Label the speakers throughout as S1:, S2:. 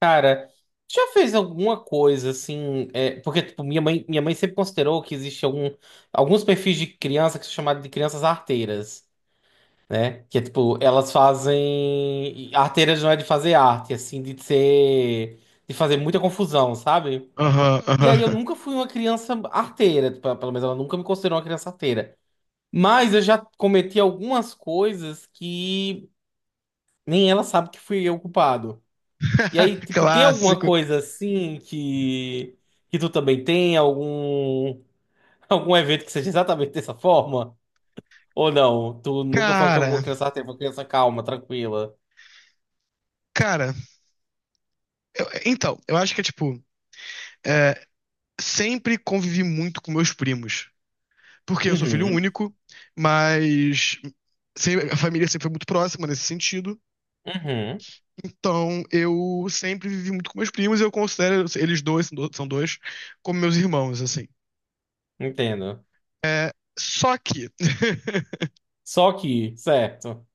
S1: Cara, já fez alguma coisa assim? Porque tipo, minha mãe sempre considerou que existe alguns perfis de criança que são chamados de crianças arteiras, né? Que é tipo, elas fazem. Arteiras não é de fazer arte, assim, de ser. De fazer muita confusão, sabe?
S2: Aham,
S1: E aí eu
S2: aham.
S1: nunca fui uma criança arteira, tipo, pelo menos ela nunca me considerou uma criança arteira. Mas eu já cometi algumas coisas que nem ela sabe que fui eu o culpado. E aí, tipo, tem alguma
S2: Clássico.
S1: coisa assim que tu também tem algum algum evento que seja exatamente dessa forma? Ou não? Tu nunca foi uma
S2: Cara,
S1: uma criança, até uma criança calma, tranquila.
S2: cara, então, eu acho que é tipo, é, sempre convivi muito com meus primos. Porque eu sou filho
S1: Uhum.
S2: único, mas a família sempre foi muito próxima nesse sentido.
S1: Uhum.
S2: Então, eu sempre vivi muito com meus primos e eu considero eles dois, são dois, como meus irmãos, assim.
S1: Entendo.
S2: Só que,
S1: Só que, certo.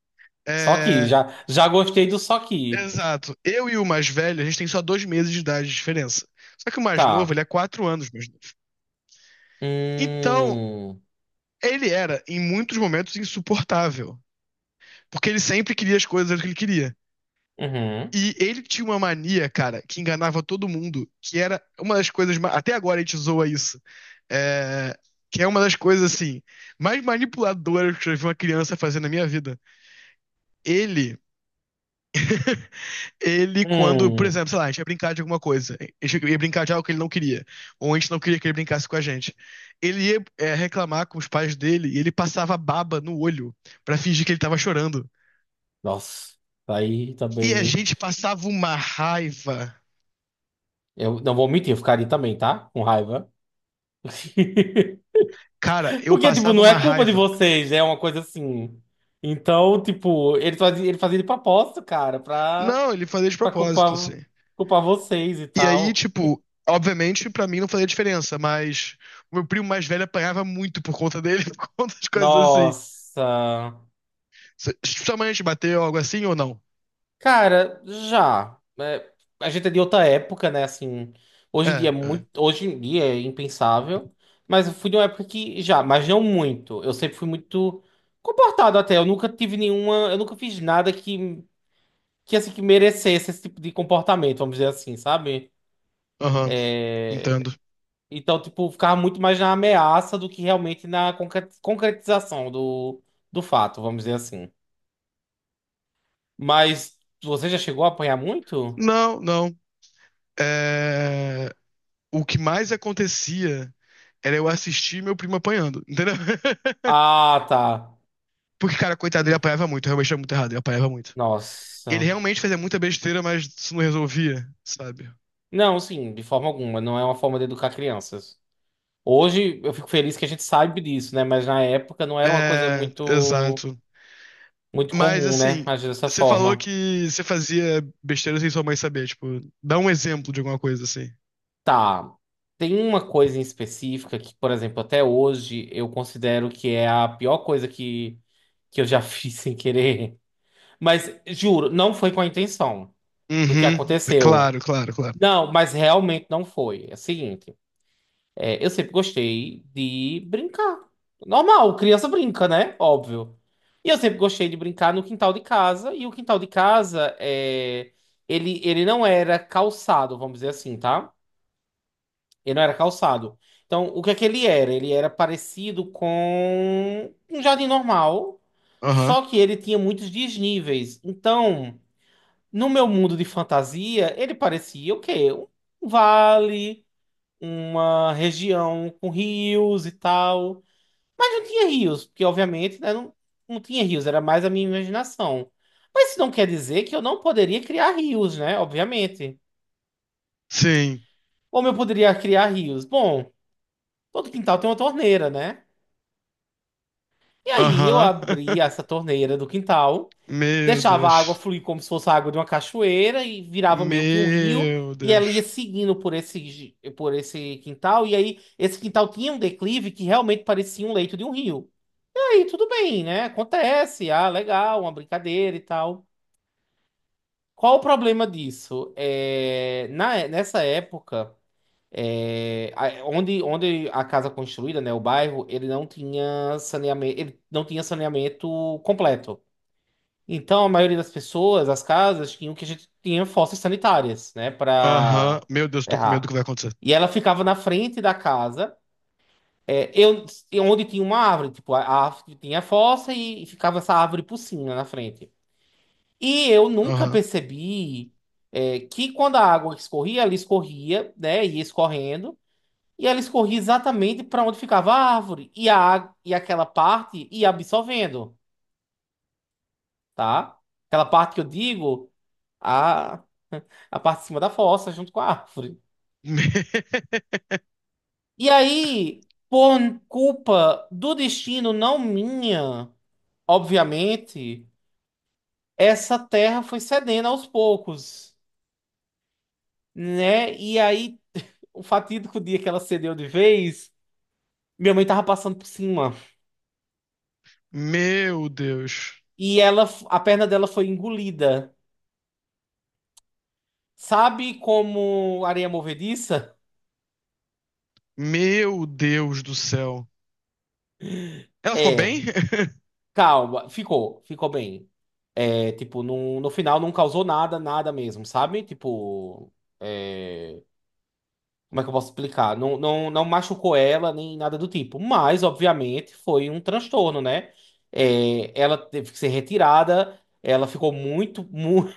S1: Só que
S2: é,
S1: já gostei do só que.
S2: exato, eu e o mais velho, a gente tem só dois meses de idade de diferença. Só que o mais novo,
S1: Tá.
S2: ele é quatro anos mais novo. Então,
S1: Hum.
S2: ele era, em muitos momentos, insuportável. Porque ele sempre queria as coisas que ele queria.
S1: Uhum.
S2: E ele tinha uma mania, cara, que enganava todo mundo, que era uma das coisas. Até agora a gente zoa isso. É, que é uma das coisas, assim, mais manipuladoras que eu já vi uma criança fazer na minha vida. Ele, ele, quando, por
S1: Hum.
S2: exemplo, sei lá, a gente ia brincar de alguma coisa, a gente ia brincar de algo que ele não queria, ou a gente não queria que ele brincasse com a gente. Ele ia, reclamar com os pais dele e ele passava baba no olho pra fingir que ele tava chorando.
S1: Nossa. Aí
S2: E a
S1: também
S2: gente passava uma raiva.
S1: eu não vou mentir, eu ficaria também, tá? Com raiva.
S2: Cara, eu
S1: Porque, tipo,
S2: passava
S1: não é
S2: uma
S1: culpa de
S2: raiva.
S1: vocês, é uma coisa assim. Então, tipo, ele fazia de propósito, cara,
S2: Não, ele fazia de
S1: pra
S2: propósito, assim.
S1: culpar vocês e
S2: E aí,
S1: tal.
S2: tipo, obviamente, pra mim não fazia diferença, mas o meu primo mais velho apanhava muito por conta dele, por conta de coisas assim.
S1: Nossa.
S2: Sua mãe te bateu algo assim ou não?
S1: Cara, já. É, a gente é de outra época, né? Assim,
S2: É, é.
S1: hoje em dia é impensável. Mas eu fui de uma época que já, mas não muito. Eu sempre fui muito comportado até. Eu nunca fiz nada que assim, que merecesse esse tipo de comportamento, vamos dizer assim, sabe?
S2: Aham, entendo.
S1: Então, tipo, ficava muito mais na ameaça do que realmente na concretização do fato, vamos dizer assim. Mas você já chegou a apanhar muito?
S2: Não, não. É... O que mais acontecia era eu assistir meu primo apanhando, entendeu?
S1: Ah, tá.
S2: Porque, cara, coitado, ele
S1: Hum,
S2: apanhava muito, realmente era muito errado, ele apanhava muito. Ele
S1: nossa.
S2: realmente fazia muita besteira, mas isso não resolvia, sabe?
S1: Não, sim, de forma alguma. Não é uma forma de educar crianças. Hoje eu fico feliz que a gente sabe disso, né? Mas na época não era uma coisa
S2: É, exato.
S1: muito
S2: Mas
S1: comum, né?
S2: assim,
S1: Agir dessa
S2: você falou
S1: forma.
S2: que você fazia besteira sem sua mãe saber, tipo, dá um exemplo de alguma coisa assim.
S1: Tá. Tem uma coisa em específica que, por exemplo, até hoje eu considero que é a pior coisa que eu já fiz sem querer. Mas juro, não foi com a intenção do que
S2: Uhum. Claro,
S1: aconteceu.
S2: claro, claro.
S1: Não, mas realmente não foi. É o seguinte, eu sempre gostei de brincar. Normal, criança brinca, né? Óbvio. E eu sempre gostei de brincar no quintal de casa. E o quintal de casa, ele não era calçado, vamos dizer assim, tá? Ele não era calçado. Então, o que é que ele era? Ele era parecido com um jardim normal,
S2: Aham.
S1: só que ele tinha muitos desníveis. Então, no meu mundo de fantasia, ele parecia o quê? Um vale, uma região com rios e tal. Mas não tinha rios, porque obviamente, né, não tinha rios, era mais a minha imaginação. Mas isso não quer dizer que eu não poderia criar rios, né? Obviamente.
S2: Sim.
S1: Como eu poderia criar rios? Bom, todo quintal tem uma torneira, né? E aí eu
S2: Aham.
S1: abria essa torneira do quintal,
S2: Meu
S1: deixava a água
S2: Deus.
S1: fluir como se fosse a água de uma cachoeira e virava meio que um rio.
S2: Meu
S1: E ela ia
S2: Deus.
S1: seguindo por esse quintal. E aí esse quintal tinha um declive que realmente parecia um leito de um rio. E aí tudo bem, né? Acontece. Ah, legal, uma brincadeira e tal. Qual o problema disso? É, nessa época, onde a casa construída, né, o bairro, ele não tinha saneamento, ele não tinha saneamento completo. Então, a maioria das pessoas, as casas, tinham que a gente tinha fossas sanitárias, né,
S2: Aham.
S1: para
S2: Meu Deus, tô com medo do que
S1: errar.
S2: vai acontecer.
S1: E ela ficava na frente da casa, é, eu, e onde tinha uma árvore, tipo, a árvore tinha a fossa e ficava essa árvore por cima na frente. E eu nunca
S2: Aham.
S1: percebi, que quando a água escorria, ela escorria, né, ia escorrendo, e ela escorria exatamente para onde ficava a árvore, e, e aquela parte ia absorvendo, tá? Aquela parte que eu digo. A parte de cima da fossa, junto com a árvore.
S2: Me-
S1: E aí, por culpa do destino, não minha, obviamente, essa terra foi cedendo aos poucos, né? E aí, o fatídico dia que ela cedeu de vez, minha mãe tava passando por cima.
S2: Meu Deus.
S1: E ela, a perna dela foi engolida. Sabe como areia movediça?
S2: Meu Deus do céu. Ela ficou bem?
S1: É, calma, ficou bem. É, tipo, no final não causou nada, nada mesmo, sabe? Tipo. é, Como é que eu posso explicar? Não, não, não machucou ela nem nada do tipo. Mas, obviamente, foi um transtorno, né? É, ela teve que ser retirada. Ela ficou muito, muito.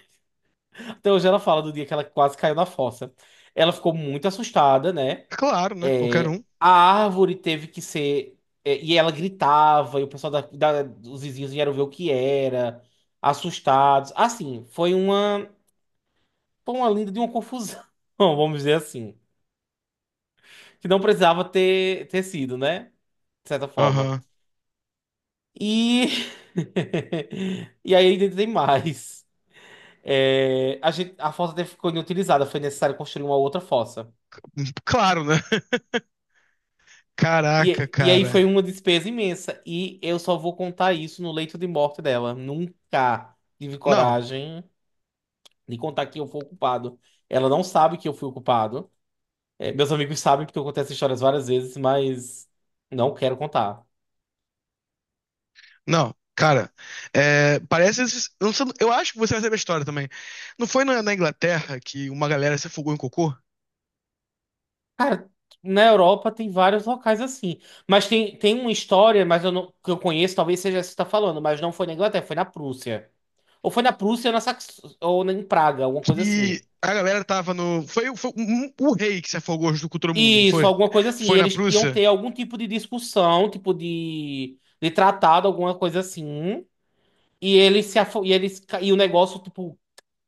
S1: Até hoje ela fala do dia que ela quase caiu na fossa. Ela ficou muito assustada, né?
S2: Claro, né? Qualquer
S1: É,
S2: um.
S1: a árvore teve que ser. E ela gritava, e o pessoal dos vizinhos vieram ver o que era, assustados. Assim, foi uma. Foi uma linda de uma confusão, vamos dizer assim. Que não precisava ter sido, né? De certa forma.
S2: Aham.
S1: E, e aí ainda tem mais. É, a gente, a fossa até ficou inutilizada, foi necessário construir uma outra fossa.
S2: Claro, né? Caraca,
S1: E aí
S2: cara.
S1: foi uma despesa imensa. E eu só vou contar isso no leito de morte dela. Nunca tive
S2: Não,
S1: coragem de contar que eu fui o culpado. Ela não sabe que eu fui o culpado. É, meus amigos sabem porque eu contei essas histórias várias vezes, mas não quero contar.
S2: não, cara. É, parece. Eu não eu acho que você vai saber a história também. Não foi na, na Inglaterra que uma galera se afogou em cocô?
S1: Cara, na Europa tem vários locais assim. Mas tem uma história, mas eu não, que eu conheço, talvez seja essa que você está falando, mas não foi na Inglaterra, foi na Prússia. Ou foi na Prússia ou na Sax... ou em Praga, alguma coisa assim.
S2: Que a galera tava no. Foi, o rei que se afogou junto com todo mundo, não
S1: Isso,
S2: foi?
S1: alguma coisa assim. E
S2: Foi na
S1: eles iam
S2: Prússia?
S1: ter algum tipo de discussão, tipo de tratado, alguma coisa assim. E eles se afo... e eles ca- e o negócio tipo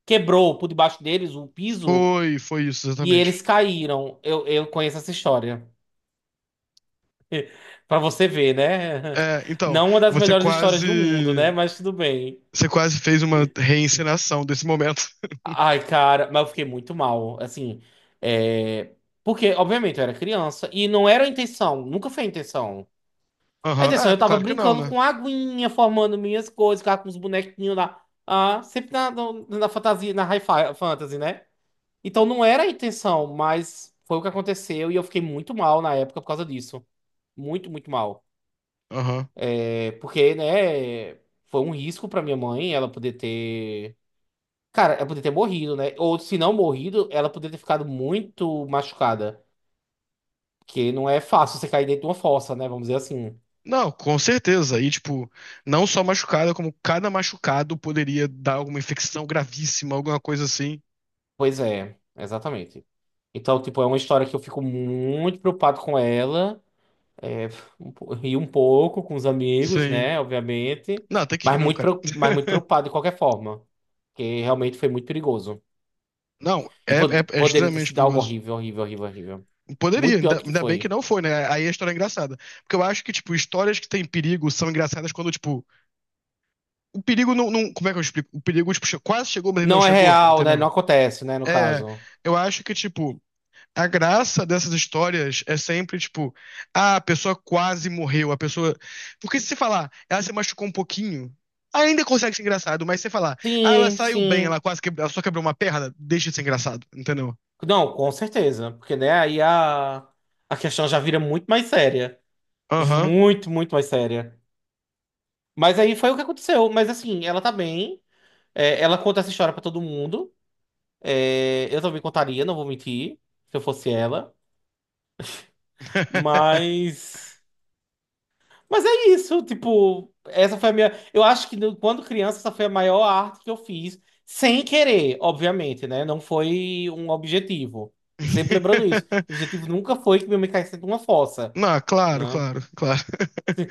S1: quebrou por debaixo deles o piso
S2: Foi, foi isso,
S1: e eles
S2: exatamente.
S1: caíram. Eu conheço essa história. Pra você ver, né?
S2: É, então,
S1: Não uma das
S2: você
S1: melhores histórias do mundo, né?
S2: quase.
S1: Mas tudo bem.
S2: Você quase fez uma reencenação desse momento.
S1: Ai, cara, mas eu fiquei muito mal, assim, é... porque, obviamente, eu era criança e não era a intenção, nunca foi a intenção. A
S2: Aham.
S1: intenção,
S2: É,
S1: eu tava
S2: claro que não,
S1: brincando
S2: né?
S1: com aguinha, formando minhas coisas, ficava com os bonequinhos lá, ah, sempre na, no- na fantasia, na fantasy, né? Então não era a intenção, mas foi o que aconteceu e eu fiquei muito mal na época por causa disso. Muito, muito mal. É porque, né, foi um risco pra minha mãe ela poder ter. Cara, ela poder ter morrido, né? Ou se não morrido, ela poder ter ficado muito machucada. Porque não é fácil você cair dentro de uma fossa, né? Vamos dizer assim.
S2: Não, com certeza. E, tipo, não só machucada, como cada machucado poderia dar alguma infecção gravíssima, alguma coisa assim.
S1: Pois é, exatamente. Então, tipo, é uma história que eu fico muito preocupado com ela. É, ri um pouco com os amigos,
S2: Sim.
S1: né? Obviamente.
S2: Não, tem que ir
S1: Mas
S2: mesmo,
S1: muito,
S2: cara.
S1: preo- mas muito preocupado de qualquer forma. Porque realmente foi muito perigoso.
S2: Não,
S1: E
S2: é
S1: poderia ter
S2: extremamente
S1: sido algo
S2: perigoso.
S1: horrível, horrível, horrível, horrível.
S2: Poderia,
S1: Muito pior
S2: ainda,
S1: do que
S2: ainda bem que
S1: foi.
S2: não foi, né? Aí a história é engraçada. Porque eu acho que, tipo, histórias que têm perigo são engraçadas quando, tipo, o perigo como é que eu explico? O perigo, tipo, quase chegou, mas ele não
S1: Não é
S2: chegou,
S1: real, né? Não
S2: entendeu?
S1: acontece, né? No
S2: É,
S1: caso.
S2: eu acho que, tipo, a graça dessas histórias é sempre tipo, ah, a pessoa quase morreu, a pessoa. Porque se você falar, ela se machucou um pouquinho, ainda consegue ser engraçado, mas se você falar, ah, ela
S1: Sim,
S2: saiu bem,
S1: sim.
S2: ela quase quebrou, ela só quebrou uma perna, deixa de ser engraçado, entendeu?
S1: Não, com certeza. Porque, né, aí a questão já vira muito mais séria.
S2: Aham.
S1: Muito, muito mais séria. Mas aí foi o que aconteceu. Mas assim, ela tá bem. É, ela conta essa história pra todo mundo. É, eu também contaria, não vou mentir, se eu fosse ela. Mas. Mas é isso, tipo, essa foi a minha. Eu acho que quando criança, essa foi a maior arte que eu fiz, sem querer, obviamente, né? Não foi um objetivo. Sempre lembrando isso. O objetivo nunca foi que minha mãe caísse dentro de uma fossa,
S2: Não, claro,
S1: né?
S2: claro, claro.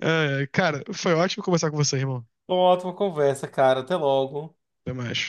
S2: É, cara, foi ótimo conversar com você, irmão.
S1: Ótima conversa, cara. Até logo.
S2: Até mais.